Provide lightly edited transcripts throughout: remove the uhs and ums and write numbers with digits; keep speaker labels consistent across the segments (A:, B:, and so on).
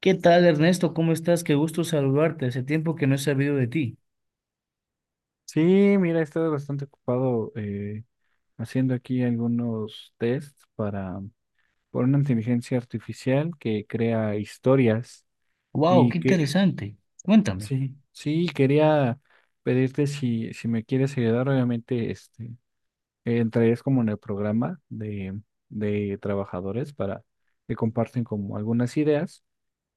A: ¿Qué tal, Ernesto? ¿Cómo estás? Qué gusto saludarte. Hace tiempo que no he sabido de ti.
B: Sí, mira, he estado bastante ocupado haciendo aquí algunos tests para por una inteligencia artificial que crea historias
A: Wow,
B: y
A: qué
B: que
A: interesante. Cuéntame.
B: sí, sí, quería pedirte si me quieres ayudar, obviamente, entrarías como en el programa de trabajadores para que comparten como algunas ideas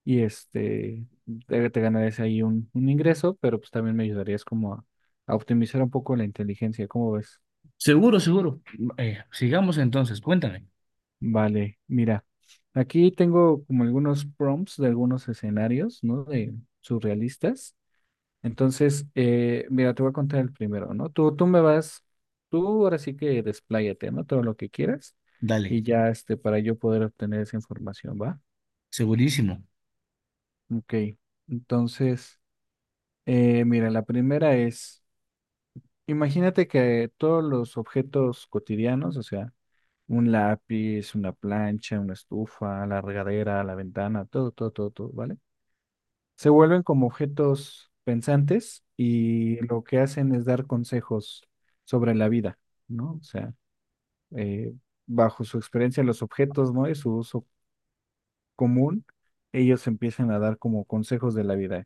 B: y te ganarías ahí un ingreso, pero pues también me ayudarías como a optimizar un poco la inteligencia, ¿cómo ves?
A: Seguro, seguro. Sigamos entonces. Cuéntame.
B: Vale, mira, aquí tengo como algunos prompts de algunos escenarios, ¿no? De surrealistas. Entonces, mira, te voy a contar el primero, ¿no? Tú me vas, tú ahora sí que despláyate, ¿no? Todo lo que quieras
A: Dale.
B: y ya, para yo poder obtener esa información, ¿va?
A: Segurísimo.
B: Ok, entonces, mira, la primera es, imagínate que todos los objetos cotidianos, o sea, un lápiz, una plancha, una estufa, la regadera, la ventana, todo, todo, todo, todo, ¿vale? Se vuelven como objetos pensantes y lo que hacen es dar consejos sobre la vida, ¿no? O sea, eh, bajo su experiencia, los objetos, ¿no? Y su uso común, ellos empiezan a dar como consejos de la vida.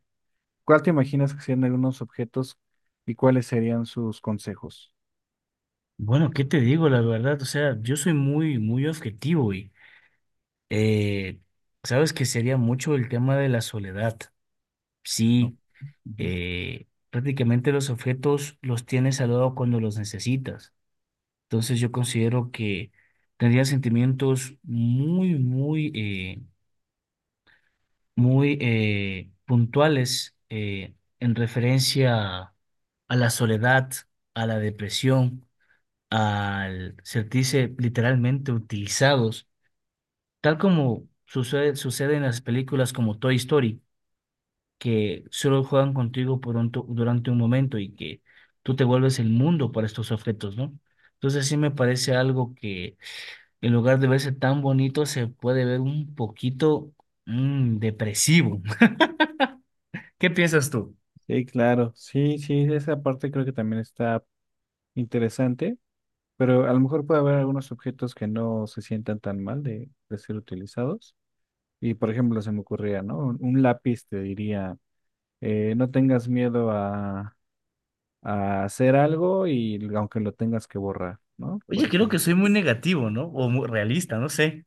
B: ¿Cuál te imaginas que serían algunos objetos y cuáles serían sus consejos?
A: Bueno, ¿qué te digo? La verdad, o sea, yo soy muy, muy objetivo y eh, sabes que sería mucho el tema de la soledad.
B: ¿No?
A: Sí,
B: Ujú.
A: prácticamente los objetos los tienes al lado cuando los necesitas. Entonces yo considero que tendría sentimientos muy, muy muy puntuales en referencia a la soledad, a la depresión, al sentirse literalmente utilizados, tal como sucede en las películas como Toy Story, que solo juegan contigo por durante un momento y que tú te vuelves el mundo para estos objetos, ¿no? Entonces sí me parece algo que en lugar de verse tan bonito se puede ver un poquito depresivo. ¿Qué piensas tú?
B: Sí, claro. Sí, sí, esa parte creo que también está interesante. Pero a lo mejor puede haber algunos objetos que no se sientan tan mal de ser utilizados. Y por ejemplo, se me ocurría, ¿no? Un lápiz te diría, no tengas miedo a hacer algo y aunque lo tengas que borrar, ¿no?
A: Oye,
B: Por
A: creo que
B: ejemplo.
A: soy muy negativo, ¿no? O muy realista, no sé.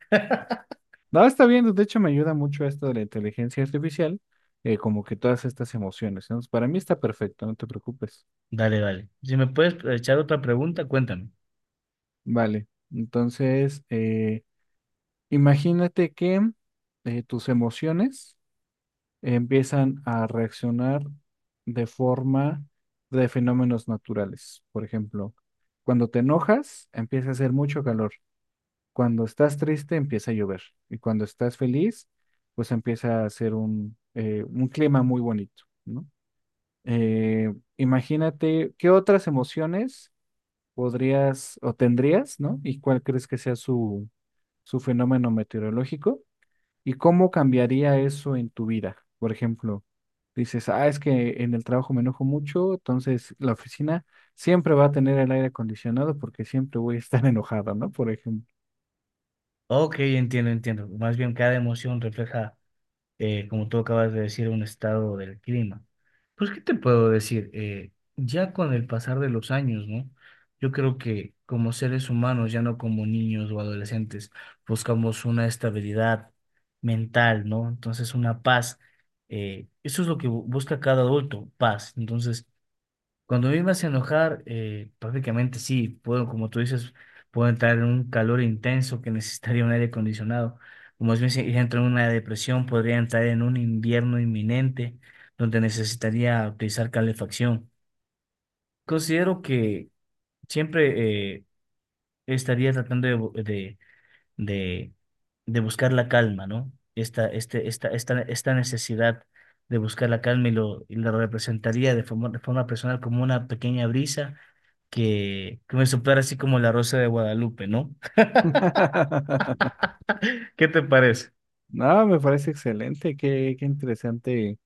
B: No, está bien, de hecho me ayuda mucho esto de la inteligencia artificial, como que todas estas emociones, ¿no? Para mí está perfecto, no te preocupes.
A: Dale, dale. Si me puedes echar otra pregunta, cuéntame.
B: Vale, entonces, imagínate que tus emociones empiezan a reaccionar de forma de fenómenos naturales. Por ejemplo, cuando te enojas, empieza a hacer mucho calor. Cuando estás triste, empieza a llover. Y cuando estás feliz, pues empieza a ser un clima muy bonito, ¿no? Imagínate qué otras emociones podrías o tendrías, ¿no? ¿Y cuál crees que sea su, su fenómeno meteorológico? ¿Y cómo cambiaría eso en tu vida? Por ejemplo, dices, ah, es que en el trabajo me enojo mucho, entonces la oficina siempre va a tener el aire acondicionado porque siempre voy a estar enojado, ¿no? Por ejemplo.
A: Ok, entiendo, entiendo. Más bien cada emoción refleja, como tú acabas de decir, un estado del clima. Pues, ¿qué te puedo decir? Ya con el pasar de los años, ¿no? Yo creo que como seres humanos, ya no como niños o adolescentes, buscamos una estabilidad mental, ¿no? Entonces, una paz. Eso es lo que busca cada adulto, paz. Entonces, cuando a mí me hace enojar, prácticamente sí, puedo, como tú dices, puedo entrar en un calor intenso que necesitaría un aire acondicionado. Si entro en una depresión, podría entrar en un invierno inminente donde necesitaría utilizar calefacción. Considero que siempre estaría tratando de, de, de buscar la calma, ¿no? Esta, este, esta necesidad de buscar la calma y lo representaría de forma personal como una pequeña brisa que me soplara así como la rosa de Guadalupe, ¿no? ¿Qué te parece?
B: No, me parece excelente, qué, qué interesante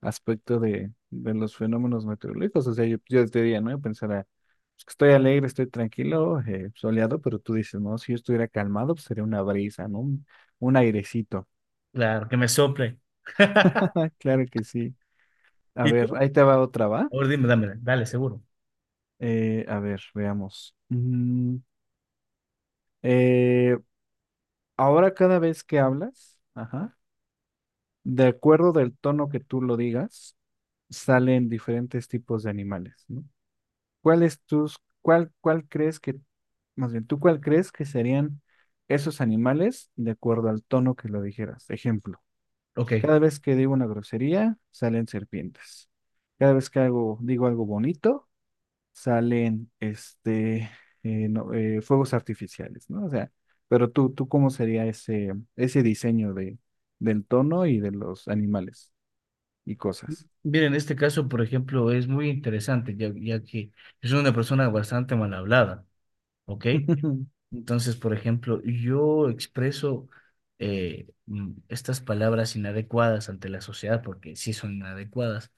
B: aspecto de los fenómenos meteorológicos. O sea, yo te diría, ¿no? Yo pensara, pues, que estoy alegre, estoy tranquilo, soleado, pero tú dices, no, si yo estuviera calmado, pues sería una brisa, ¿no? Un airecito.
A: Claro, que me sople.
B: Claro que sí. A
A: ¿Y
B: ver,
A: tú?
B: ahí te va otra, ¿va?
A: Ahora dime, dámela, dale, seguro.
B: A ver, veamos. Eh, ahora cada vez que hablas, ajá, de acuerdo del tono que tú lo digas, salen diferentes tipos de animales, ¿no? ¿Cuál es tus, cuál, cuál crees que, más bien, tú cuál crees que serían esos animales de acuerdo al tono que lo dijeras? Ejemplo,
A: Ok.
B: cada vez que digo una grosería, salen serpientes. Cada vez que hago, digo algo bonito, salen fuegos artificiales, ¿no? O sea, pero tú ¿cómo sería ese, ese diseño de, del tono y de los animales y cosas?
A: Mira, en este caso, por ejemplo, es muy interesante, ya que es una persona bastante mal hablada, ¿ok? Entonces, por ejemplo, yo expreso estas palabras inadecuadas ante la sociedad, porque sí son inadecuadas,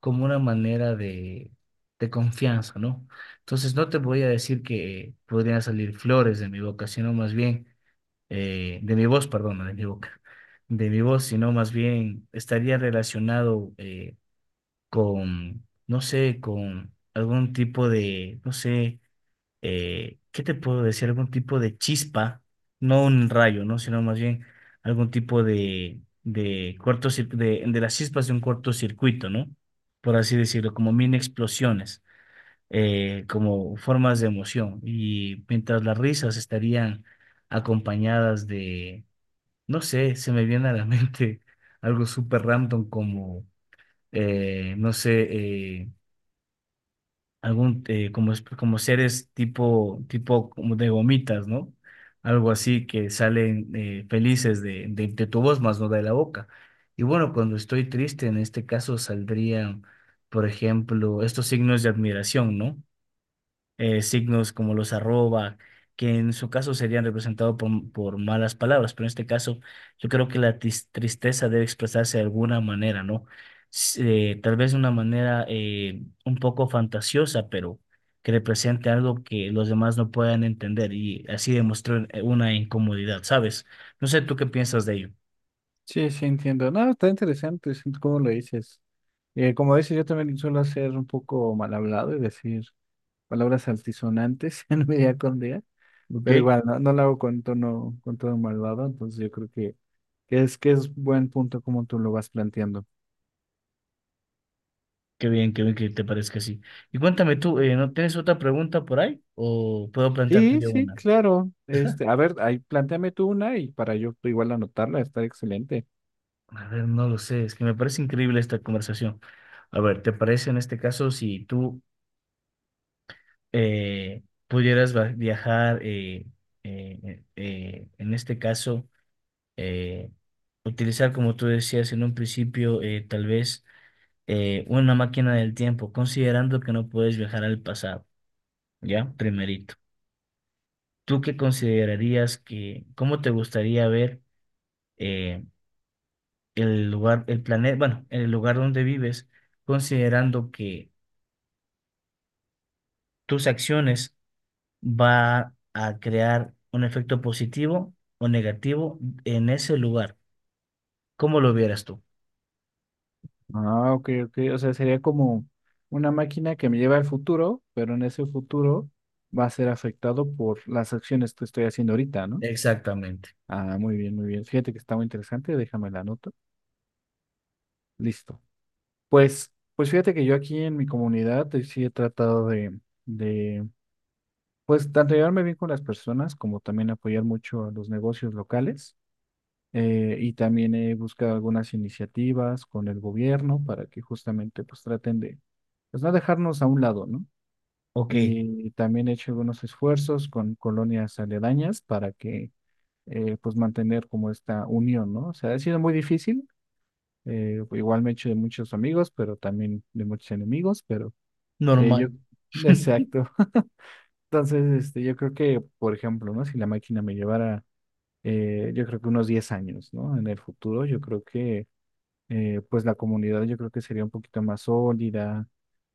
A: como una manera de confianza, ¿no? Entonces, no te voy a decir que podrían salir flores de mi boca, sino más bien, de mi voz, perdón, no de mi boca, de mi voz, sino más bien estaría relacionado con, no sé, con algún tipo de, no sé ¿qué te puedo decir? Algún tipo de chispa, no un rayo, ¿no? Sino más bien algún tipo de las chispas de un cortocircuito, ¿no? Por así decirlo, como mini explosiones, como formas de emoción. Y mientras las risas estarían acompañadas de, no sé, se me viene a la mente algo súper random como, no sé, eh, algún como, como seres tipo como de gomitas, ¿no? Algo así que salen felices de tu voz, más no de la boca. Y bueno, cuando estoy triste, en este caso saldrían, por ejemplo, estos signos de admiración, ¿no? Signos como los arroba, que en su caso serían representados por malas palabras, pero en este caso yo creo que la tristeza debe expresarse de alguna manera, ¿no? S- Tal vez de una manera un poco fantasiosa, pero que represente algo que los demás no puedan entender y así demostrar una incomodidad, ¿sabes? No sé tú qué piensas de ello,
B: Sí, sí, entiendo. No, está interesante, sí, cómo lo dices. Como dices, yo también suelo ser un poco mal hablado y decir palabras altisonantes en mi día con día,
A: ¿ok?
B: pero igual no, no lo hago con tono malvado, entonces yo creo que es buen punto como tú lo vas planteando.
A: Qué bien que te parezca así. Y cuéntame tú, ¿no tienes otra pregunta por ahí? ¿O puedo plantearte
B: Sí,
A: yo
B: sí,
A: una?
B: claro. Este, a ver, ahí plantéame tú una y para yo igual anotarla, está excelente.
A: A ver, no lo sé, es que me parece increíble esta conversación. A ver, ¿te parece en este caso si tú viajar, en este caso, eh, utilizar, como tú decías en un principio, tal vez una máquina del tiempo, considerando que no puedes viajar al pasado, ¿ya? Primerito. ¿Tú qué considerarías que, cómo te gustaría ver eh, el lugar, el planeta, bueno, el lugar donde vives, considerando que tus acciones va a crear un efecto positivo o negativo en ese lugar? ¿Cómo lo vieras tú?
B: Ah, ok, ok. O sea, sería como una máquina que me lleva al futuro, pero en ese futuro va a ser afectado por las acciones que estoy haciendo ahorita, ¿no?
A: Exactamente.
B: Ah, muy bien, muy bien. Fíjate que está muy interesante, déjame la nota. Listo. Pues, pues fíjate que yo aquí en mi comunidad sí he tratado de pues, tanto llevarme bien con las personas como también apoyar mucho a los negocios locales. Y también he buscado algunas iniciativas con el gobierno para que justamente pues traten de pues no dejarnos a un lado, ¿no?
A: Ok,
B: Y también he hecho algunos esfuerzos con colonias aledañas para que pues mantener como esta unión, ¿no? O sea, ha sido muy difícil, igual me he hecho de muchos amigos, pero también de muchos enemigos, pero yo,
A: normal.
B: exacto. Entonces, yo creo que, por ejemplo, ¿no? Si la máquina me llevara, yo creo que unos 10 años, ¿no? En el futuro, yo creo que pues la comunidad yo creo que sería un poquito más sólida,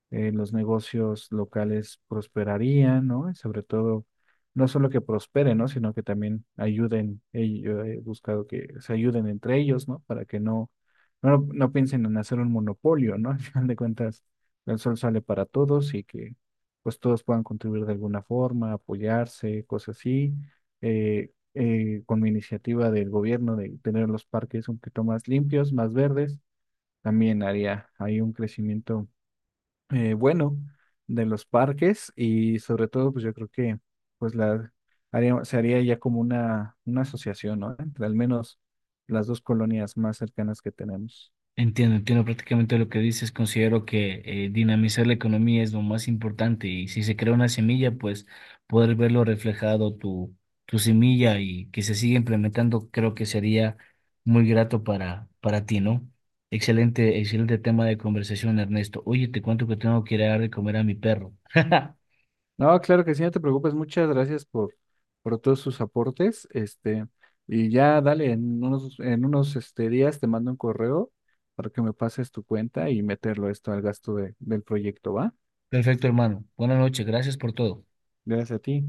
B: los negocios locales prosperarían, ¿no? Y sobre todo, no solo que prosperen, ¿no? Sino que también ayuden, yo he buscado que se ayuden entre ellos, ¿no? Para que no, no, no piensen en hacer un monopolio, ¿no? Al final de cuentas, el sol sale para todos y que pues todos puedan contribuir de alguna forma, apoyarse, cosas así. Eh, con mi iniciativa del gobierno de tener los parques un poquito más limpios, más verdes, también haría, hay un crecimiento bueno de los parques y sobre todo, pues yo creo que pues la haría- se haría ya como una asociación, ¿no? Entre al menos las dos colonias más cercanas que tenemos.
A: Entiendo, entiendo prácticamente lo que dices. Considero que dinamizar la economía es lo más importante y si se crea una semilla, pues poder verlo reflejado tu semilla y que se siga implementando, creo que sería muy grato para ti, ¿no? Excelente, excelente tema de conversación, Ernesto. Oye, te cuento que tengo que ir a dar de comer a mi perro.
B: No, claro que sí, no te preocupes, muchas gracias por todos sus aportes, y ya dale, en unos este, días te mando un correo para que me pases tu cuenta y meterlo esto al gasto de- del proyecto, ¿va?
A: Perfecto, hermano. Buenas noches, gracias por todo.
B: Gracias a ti.